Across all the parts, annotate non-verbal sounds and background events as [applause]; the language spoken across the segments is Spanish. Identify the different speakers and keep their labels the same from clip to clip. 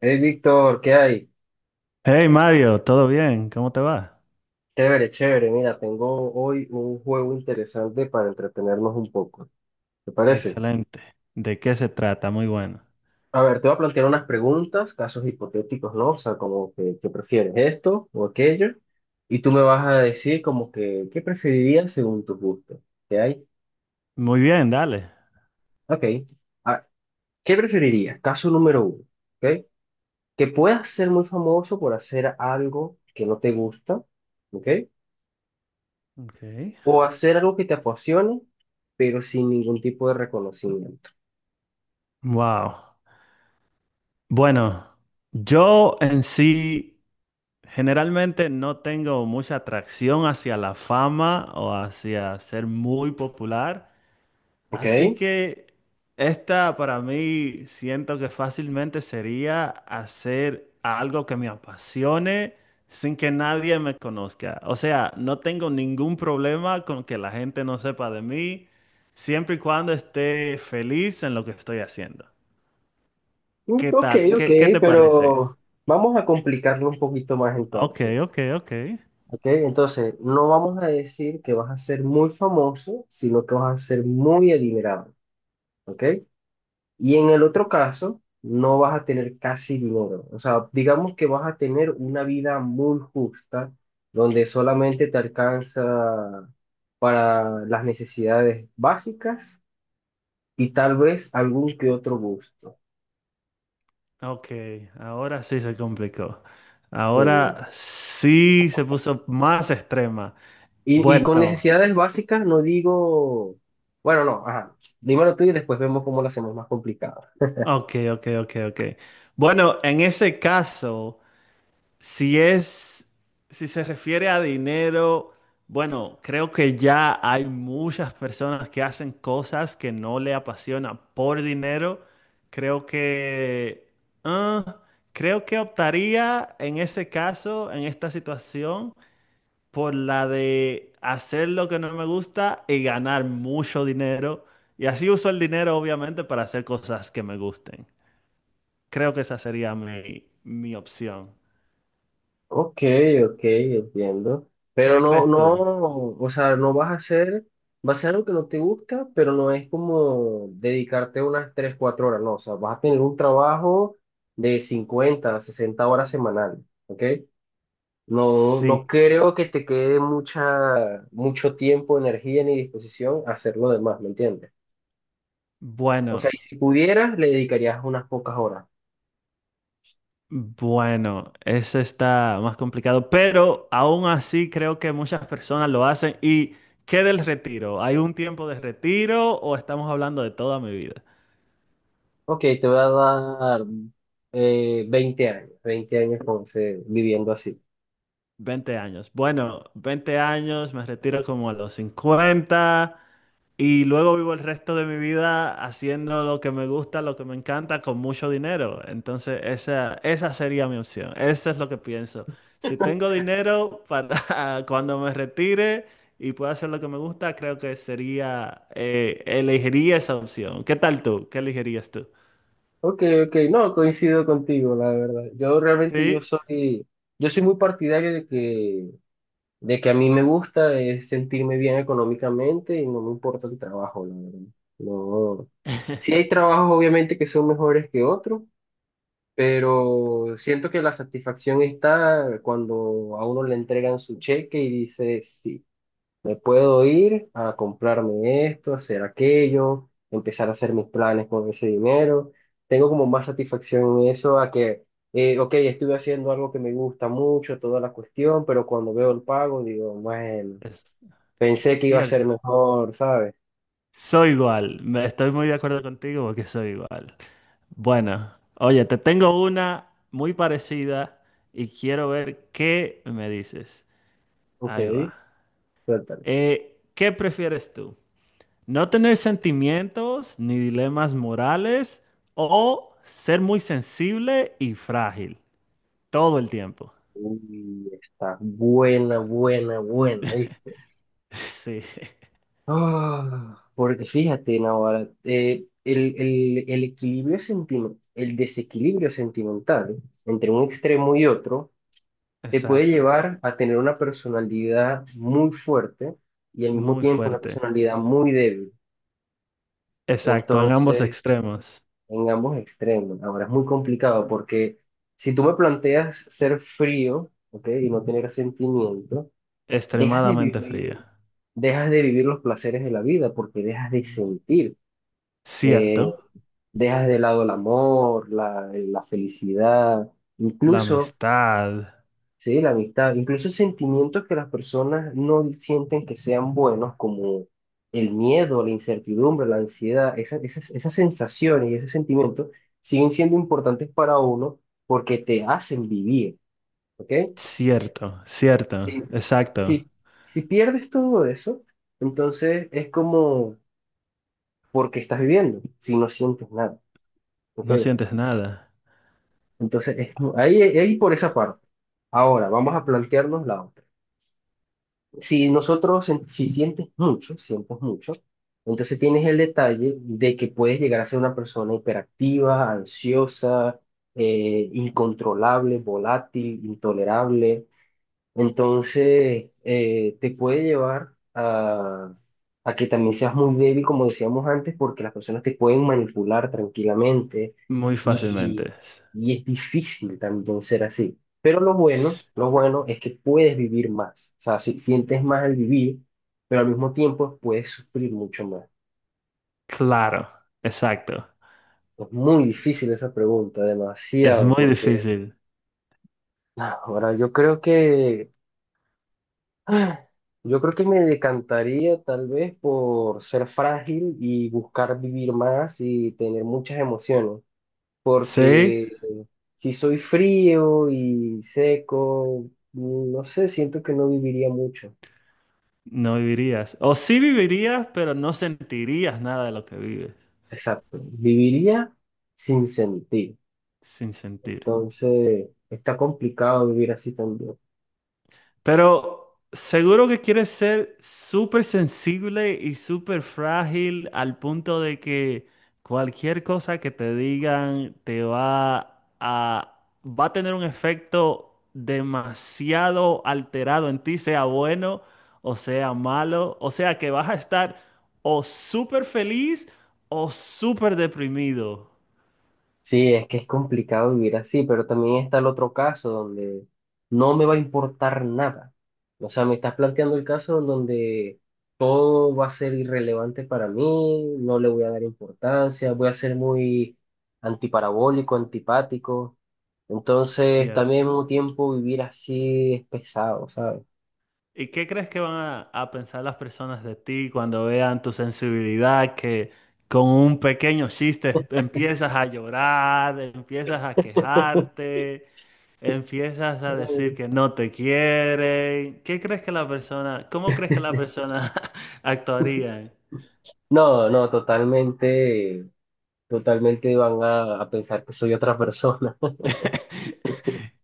Speaker 1: Hey Víctor, ¿qué hay?
Speaker 2: Hey Mario, ¿todo bien? ¿Cómo te va?
Speaker 1: Chévere, chévere. Mira, tengo hoy un juego interesante para entretenernos un poco. ¿Te parece?
Speaker 2: Excelente. ¿De qué se trata? Muy bueno.
Speaker 1: A ver, te voy a plantear unas preguntas, casos hipotéticos, ¿no? O sea, como que, ¿qué prefieres esto o aquello? Y tú me vas a decir como que, ¿qué preferirías según tu gusto? ¿Qué hay?
Speaker 2: Muy bien, dale.
Speaker 1: Ok. Ah, ¿Qué preferirías? Caso número uno, ¿ok? Que puedas ser muy famoso por hacer algo que no te gusta, ¿ok?
Speaker 2: Okay.
Speaker 1: O hacer algo que te apasione, pero sin ningún tipo de reconocimiento.
Speaker 2: Wow. Bueno, yo en sí generalmente no tengo mucha atracción hacia la fama o hacia ser muy popular.
Speaker 1: ¿Ok?
Speaker 2: Así que esta para mí siento que fácilmente sería hacer algo que me apasione sin que nadie me conozca. O sea, no tengo ningún problema con que la gente no sepa de mí, siempre y cuando esté feliz en lo que estoy haciendo.
Speaker 1: Mm,
Speaker 2: ¿Qué
Speaker 1: ok,
Speaker 2: tal?
Speaker 1: ok,
Speaker 2: ¿Qué te parece?
Speaker 1: pero vamos a complicarlo un poquito más
Speaker 2: Ok,
Speaker 1: entonces.
Speaker 2: ok, ok.
Speaker 1: ¿Ok? Entonces, no vamos a decir que vas a ser muy famoso, sino que vas a ser muy adinerado. ¿Ok? Y en el otro caso, no vas a tener casi dinero. O sea, digamos que vas a tener una vida muy justa, donde solamente te alcanza para las necesidades básicas y tal vez algún que otro gusto.
Speaker 2: Ok, ahora sí se complicó.
Speaker 1: Sí.
Speaker 2: Ahora sí se puso más extrema.
Speaker 1: Y con
Speaker 2: Bueno.
Speaker 1: necesidades básicas no digo, bueno, no, ajá, dímelo tú y después vemos cómo lo hacemos más complicado.
Speaker 2: Ok, ok, ok, ok. Bueno, en ese caso, si es, si se refiere a dinero, bueno, creo que ya hay muchas personas que hacen cosas que no le apasiona por dinero. Creo que, ah, Creo que optaría en ese caso, en esta situación, por la de hacer lo que no me gusta y ganar mucho dinero. Y así uso el dinero, obviamente, para hacer cosas que me gusten. Creo que esa sería mi opción.
Speaker 1: Ok, ok, entiendo. Pero
Speaker 2: ¿Qué
Speaker 1: no,
Speaker 2: crees tú?
Speaker 1: no, o sea, no vas a hacer, va a ser algo que no te gusta, pero no es como dedicarte unas 3 4 horas, no, o sea, vas a tener un trabajo de 50 60 horas semanal, ¿ok? No,
Speaker 2: Sí,
Speaker 1: no creo que te quede mucha, mucho tiempo, energía ni disposición a hacer lo demás, ¿me entiendes? O sea,
Speaker 2: bueno,
Speaker 1: y si pudieras, le dedicarías unas pocas horas.
Speaker 2: bueno, eso está más complicado, pero aún así creo que muchas personas lo hacen. ¿Y qué del retiro? ¿Hay un tiempo de retiro o estamos hablando de toda mi vida?
Speaker 1: Ok, te voy a dar 20 años, 20 años con viviendo así.
Speaker 2: 20 años. Bueno, 20 años, me retiro como a los 50. Y luego vivo el resto de mi vida haciendo lo que me gusta, lo que me encanta, con mucho dinero. Entonces, esa sería mi opción. Eso es lo que pienso. Si tengo dinero para [laughs] cuando me retire y pueda hacer lo que me gusta, creo que sería, elegiría esa opción. ¿Qué tal tú? ¿Qué elegirías tú?
Speaker 1: Ok, ok, no, coincido contigo, la verdad. Yo realmente yo
Speaker 2: Sí,
Speaker 1: soy, yo soy muy partidario de que a mí me gusta es sentirme bien económicamente y no me importa el trabajo, la verdad. No. Sí hay trabajos obviamente que son mejores que otros, pero siento que la satisfacción está cuando a uno le entregan su cheque y dice, sí, me puedo ir a comprarme esto, hacer aquello, empezar a hacer mis planes con ese dinero. Tengo como más satisfacción en eso a que, ok, estuve haciendo algo que me gusta mucho, toda la cuestión, pero cuando veo el pago digo, bueno,
Speaker 2: es
Speaker 1: pensé que iba a ser
Speaker 2: cierto.
Speaker 1: mejor, ¿sabes?
Speaker 2: Soy igual. Estoy muy de acuerdo contigo porque soy igual. Bueno, oye, te tengo una muy parecida y quiero ver qué me dices.
Speaker 1: Ok.
Speaker 2: Ahí va. ¿Qué prefieres tú? ¿No tener sentimientos ni dilemas morales o ser muy sensible y frágil todo el tiempo? [laughs]
Speaker 1: Uy, está buena, buena, buena, ¿viste?
Speaker 2: Sí,
Speaker 1: Ah, porque fíjate, Navarra, el equilibrio sentimental, el desequilibrio sentimental entre un extremo y otro te puede
Speaker 2: exacto.
Speaker 1: llevar a tener una personalidad muy fuerte y al mismo
Speaker 2: Muy
Speaker 1: tiempo una
Speaker 2: fuerte.
Speaker 1: personalidad muy débil.
Speaker 2: Exacto, en ambos
Speaker 1: Entonces,
Speaker 2: extremos.
Speaker 1: en ambos extremos, ahora es muy complicado porque si tú me planteas ser frío, ¿ok? Y no tener sentimiento, dejas de
Speaker 2: Extremadamente
Speaker 1: vivir.
Speaker 2: fría.
Speaker 1: Dejas de vivir los placeres de la vida porque dejas de sentir, eh,
Speaker 2: Cierto,
Speaker 1: dejas de lado el amor, la felicidad,
Speaker 2: la
Speaker 1: incluso,
Speaker 2: amistad.
Speaker 1: sí, la amistad, incluso sentimientos que las personas no sienten que sean buenos, como el miedo, la incertidumbre, la ansiedad, esas sensaciones y esos sentimientos siguen siendo importantes para uno porque te hacen vivir, ¿ok?
Speaker 2: Cierto,
Speaker 1: Si,
Speaker 2: cierto, exacto.
Speaker 1: si, si pierdes todo eso, entonces es como porque estás viviendo si no sientes nada, ¿ok?
Speaker 2: No sientes nada
Speaker 1: Entonces, ahí, ahí por esa parte. Ahora, vamos a plantearnos la otra. Si nosotros, si sientes mucho, sientes mucho, entonces tienes el detalle de que puedes llegar a ser una persona hiperactiva, ansiosa, incontrolable, volátil, intolerable. Entonces, te puede llevar a que también seas muy débil, como decíamos antes, porque las personas te pueden manipular tranquilamente
Speaker 2: muy
Speaker 1: y,
Speaker 2: fácilmente.
Speaker 1: y es difícil también ser así. Pero
Speaker 2: S-
Speaker 1: lo bueno es que puedes vivir más. O sea, si, sientes más al vivir, pero al mismo tiempo puedes sufrir mucho más.
Speaker 2: Claro, exacto.
Speaker 1: Es muy difícil esa pregunta,
Speaker 2: Es
Speaker 1: demasiado,
Speaker 2: muy
Speaker 1: porque
Speaker 2: difícil.
Speaker 1: ah, ahora yo creo que Ah, yo creo que me decantaría tal vez por ser frágil y buscar vivir más y tener muchas emociones,
Speaker 2: Sí,
Speaker 1: porque si soy frío y seco, no sé, siento que no viviría mucho.
Speaker 2: no vivirías. O sí vivirías, pero no sentirías nada de lo que vives
Speaker 1: Exacto, viviría sin sentir.
Speaker 2: sin sentir.
Speaker 1: Entonces, está complicado vivir así también.
Speaker 2: Pero seguro que quieres ser súper sensible y súper frágil al punto de que cualquier cosa que te digan te va a tener un efecto demasiado alterado en ti, sea bueno o sea malo. O sea que vas a estar o súper feliz o súper deprimido.
Speaker 1: Sí, es que es complicado vivir así, pero también está el otro caso donde no me va a importar nada. O sea, me estás planteando el caso en donde todo va a ser irrelevante para mí, no le voy a dar importancia, voy a ser muy antiparabólico, antipático. Entonces, también al mismo tiempo vivir así es pesado, ¿sabes?
Speaker 2: ¿Y qué crees que van a pensar las personas de ti cuando vean tu sensibilidad, que con un pequeño chiste empiezas a llorar, empiezas a quejarte, empiezas a decir
Speaker 1: Ay.
Speaker 2: que no te quieren? ¿Qué crees que la persona, cómo crees que la persona [laughs] actuaría?
Speaker 1: No, no, totalmente, totalmente van a pensar que soy otra persona.
Speaker 2: [laughs]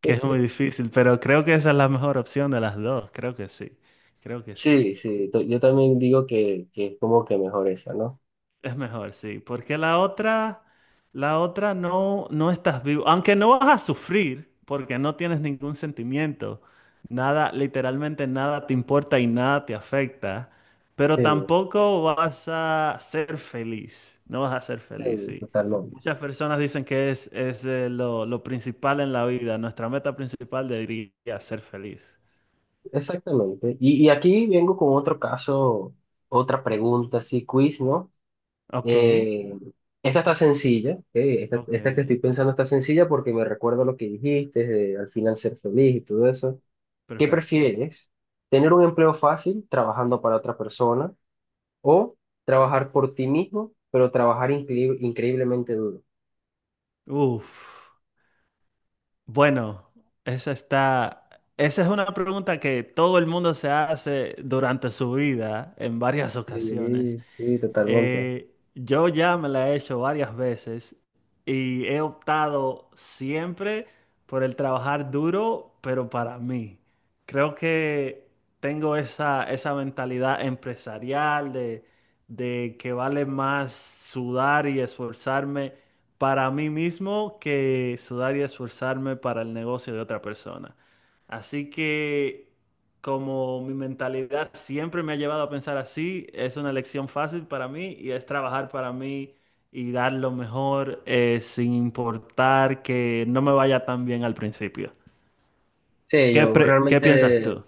Speaker 2: Que es muy
Speaker 1: [laughs]
Speaker 2: difícil, pero creo que esa es la mejor opción de las dos, creo que sí, creo que sí.
Speaker 1: Sí, sí, yo también digo que es como que mejor esa, ¿no?
Speaker 2: Es mejor, sí, porque la otra no, no estás vivo, aunque no vas a sufrir, porque no tienes ningún sentimiento, nada, literalmente nada te importa y nada te afecta, pero
Speaker 1: Sí,
Speaker 2: tampoco vas a ser feliz, no vas a ser
Speaker 1: sí,
Speaker 2: feliz, sí.
Speaker 1: totalmente.
Speaker 2: Muchas personas dicen que es lo principal en la vida, nuestra meta principal debería ser feliz.
Speaker 1: Exactamente. Y aquí vengo con otro caso, otra pregunta, sí, quiz, ¿no?
Speaker 2: Ok,
Speaker 1: Eh, esta está sencilla, ¿ok? Esta que
Speaker 2: ok,
Speaker 1: estoy pensando está sencilla porque me recuerdo lo que dijiste, de al final ser feliz y todo eso. ¿Qué
Speaker 2: perfecto.
Speaker 1: prefieres? ¿Tener un empleo fácil trabajando para otra persona o trabajar por ti mismo, pero trabajar increíblemente duro?
Speaker 2: Uf. Bueno, esa está, esa es una pregunta que todo el mundo se hace durante su vida en varias ocasiones.
Speaker 1: Sí, sí, totalmente.
Speaker 2: Yo ya me la he hecho varias veces y he optado siempre por el trabajar duro, pero para mí. Creo que tengo esa mentalidad empresarial de que vale más sudar y esforzarme para mí mismo que sudar y esforzarme para el negocio de otra persona. Así que como mi mentalidad siempre me ha llevado a pensar así, es una lección fácil para mí y es trabajar para mí y dar lo mejor sin importar que no me vaya tan bien al principio.
Speaker 1: Sí,
Speaker 2: ¿Qué,
Speaker 1: yo
Speaker 2: pre- Qué piensas
Speaker 1: realmente,
Speaker 2: tú?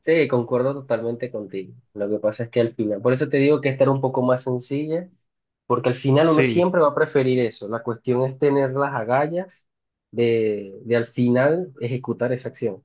Speaker 1: sí, concuerdo totalmente contigo. Lo que pasa es que al final, por eso te digo que esta era un poco más sencilla, porque al final uno
Speaker 2: Sí.
Speaker 1: siempre va a preferir eso. La cuestión es tener las agallas de al final ejecutar esa acción.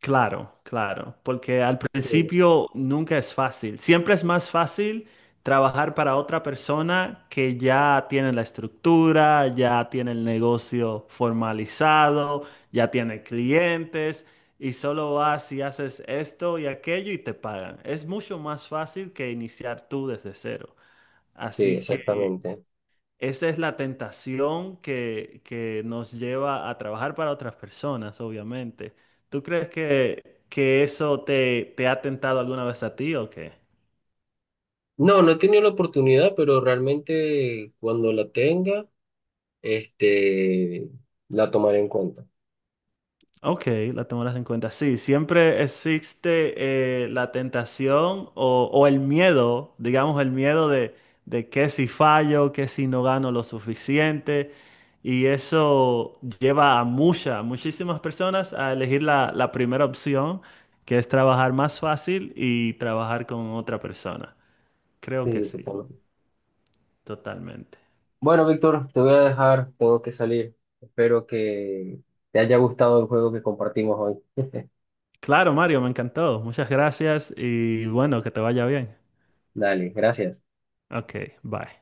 Speaker 2: Claro, claro, porque al
Speaker 1: Sí,
Speaker 2: principio nunca es fácil. Siempre es más fácil trabajar para otra persona que ya tiene la estructura, ya tiene el negocio formalizado, ya tiene clientes y solo vas y haces esto y aquello y te pagan. Es mucho más fácil que iniciar tú desde cero.
Speaker 1: sí,
Speaker 2: Así que
Speaker 1: exactamente.
Speaker 2: esa es la tentación que nos lleva a trabajar para otras personas, obviamente. ¿Tú crees que eso te ha tentado alguna vez a ti o qué?
Speaker 1: No, no he tenido la oportunidad, pero realmente cuando la tenga, este, la tomaré en cuenta.
Speaker 2: Ok, la tomarás en cuenta. Sí, siempre existe la tentación o el miedo, digamos el miedo de que si fallo, que si no gano lo suficiente. Y eso lleva a muchas, muchísimas personas a elegir la primera opción, que es trabajar más fácil y trabajar con otra persona. Creo que
Speaker 1: Sí,
Speaker 2: sí,
Speaker 1: totalmente.
Speaker 2: totalmente.
Speaker 1: Bueno, Víctor, te voy a dejar, tengo que salir. Espero que te haya gustado el juego que compartimos hoy. [laughs]
Speaker 2: Claro, Mario, me encantó. Muchas gracias y bueno, que te vaya bien.
Speaker 1: Dale, gracias.
Speaker 2: Ok, bye.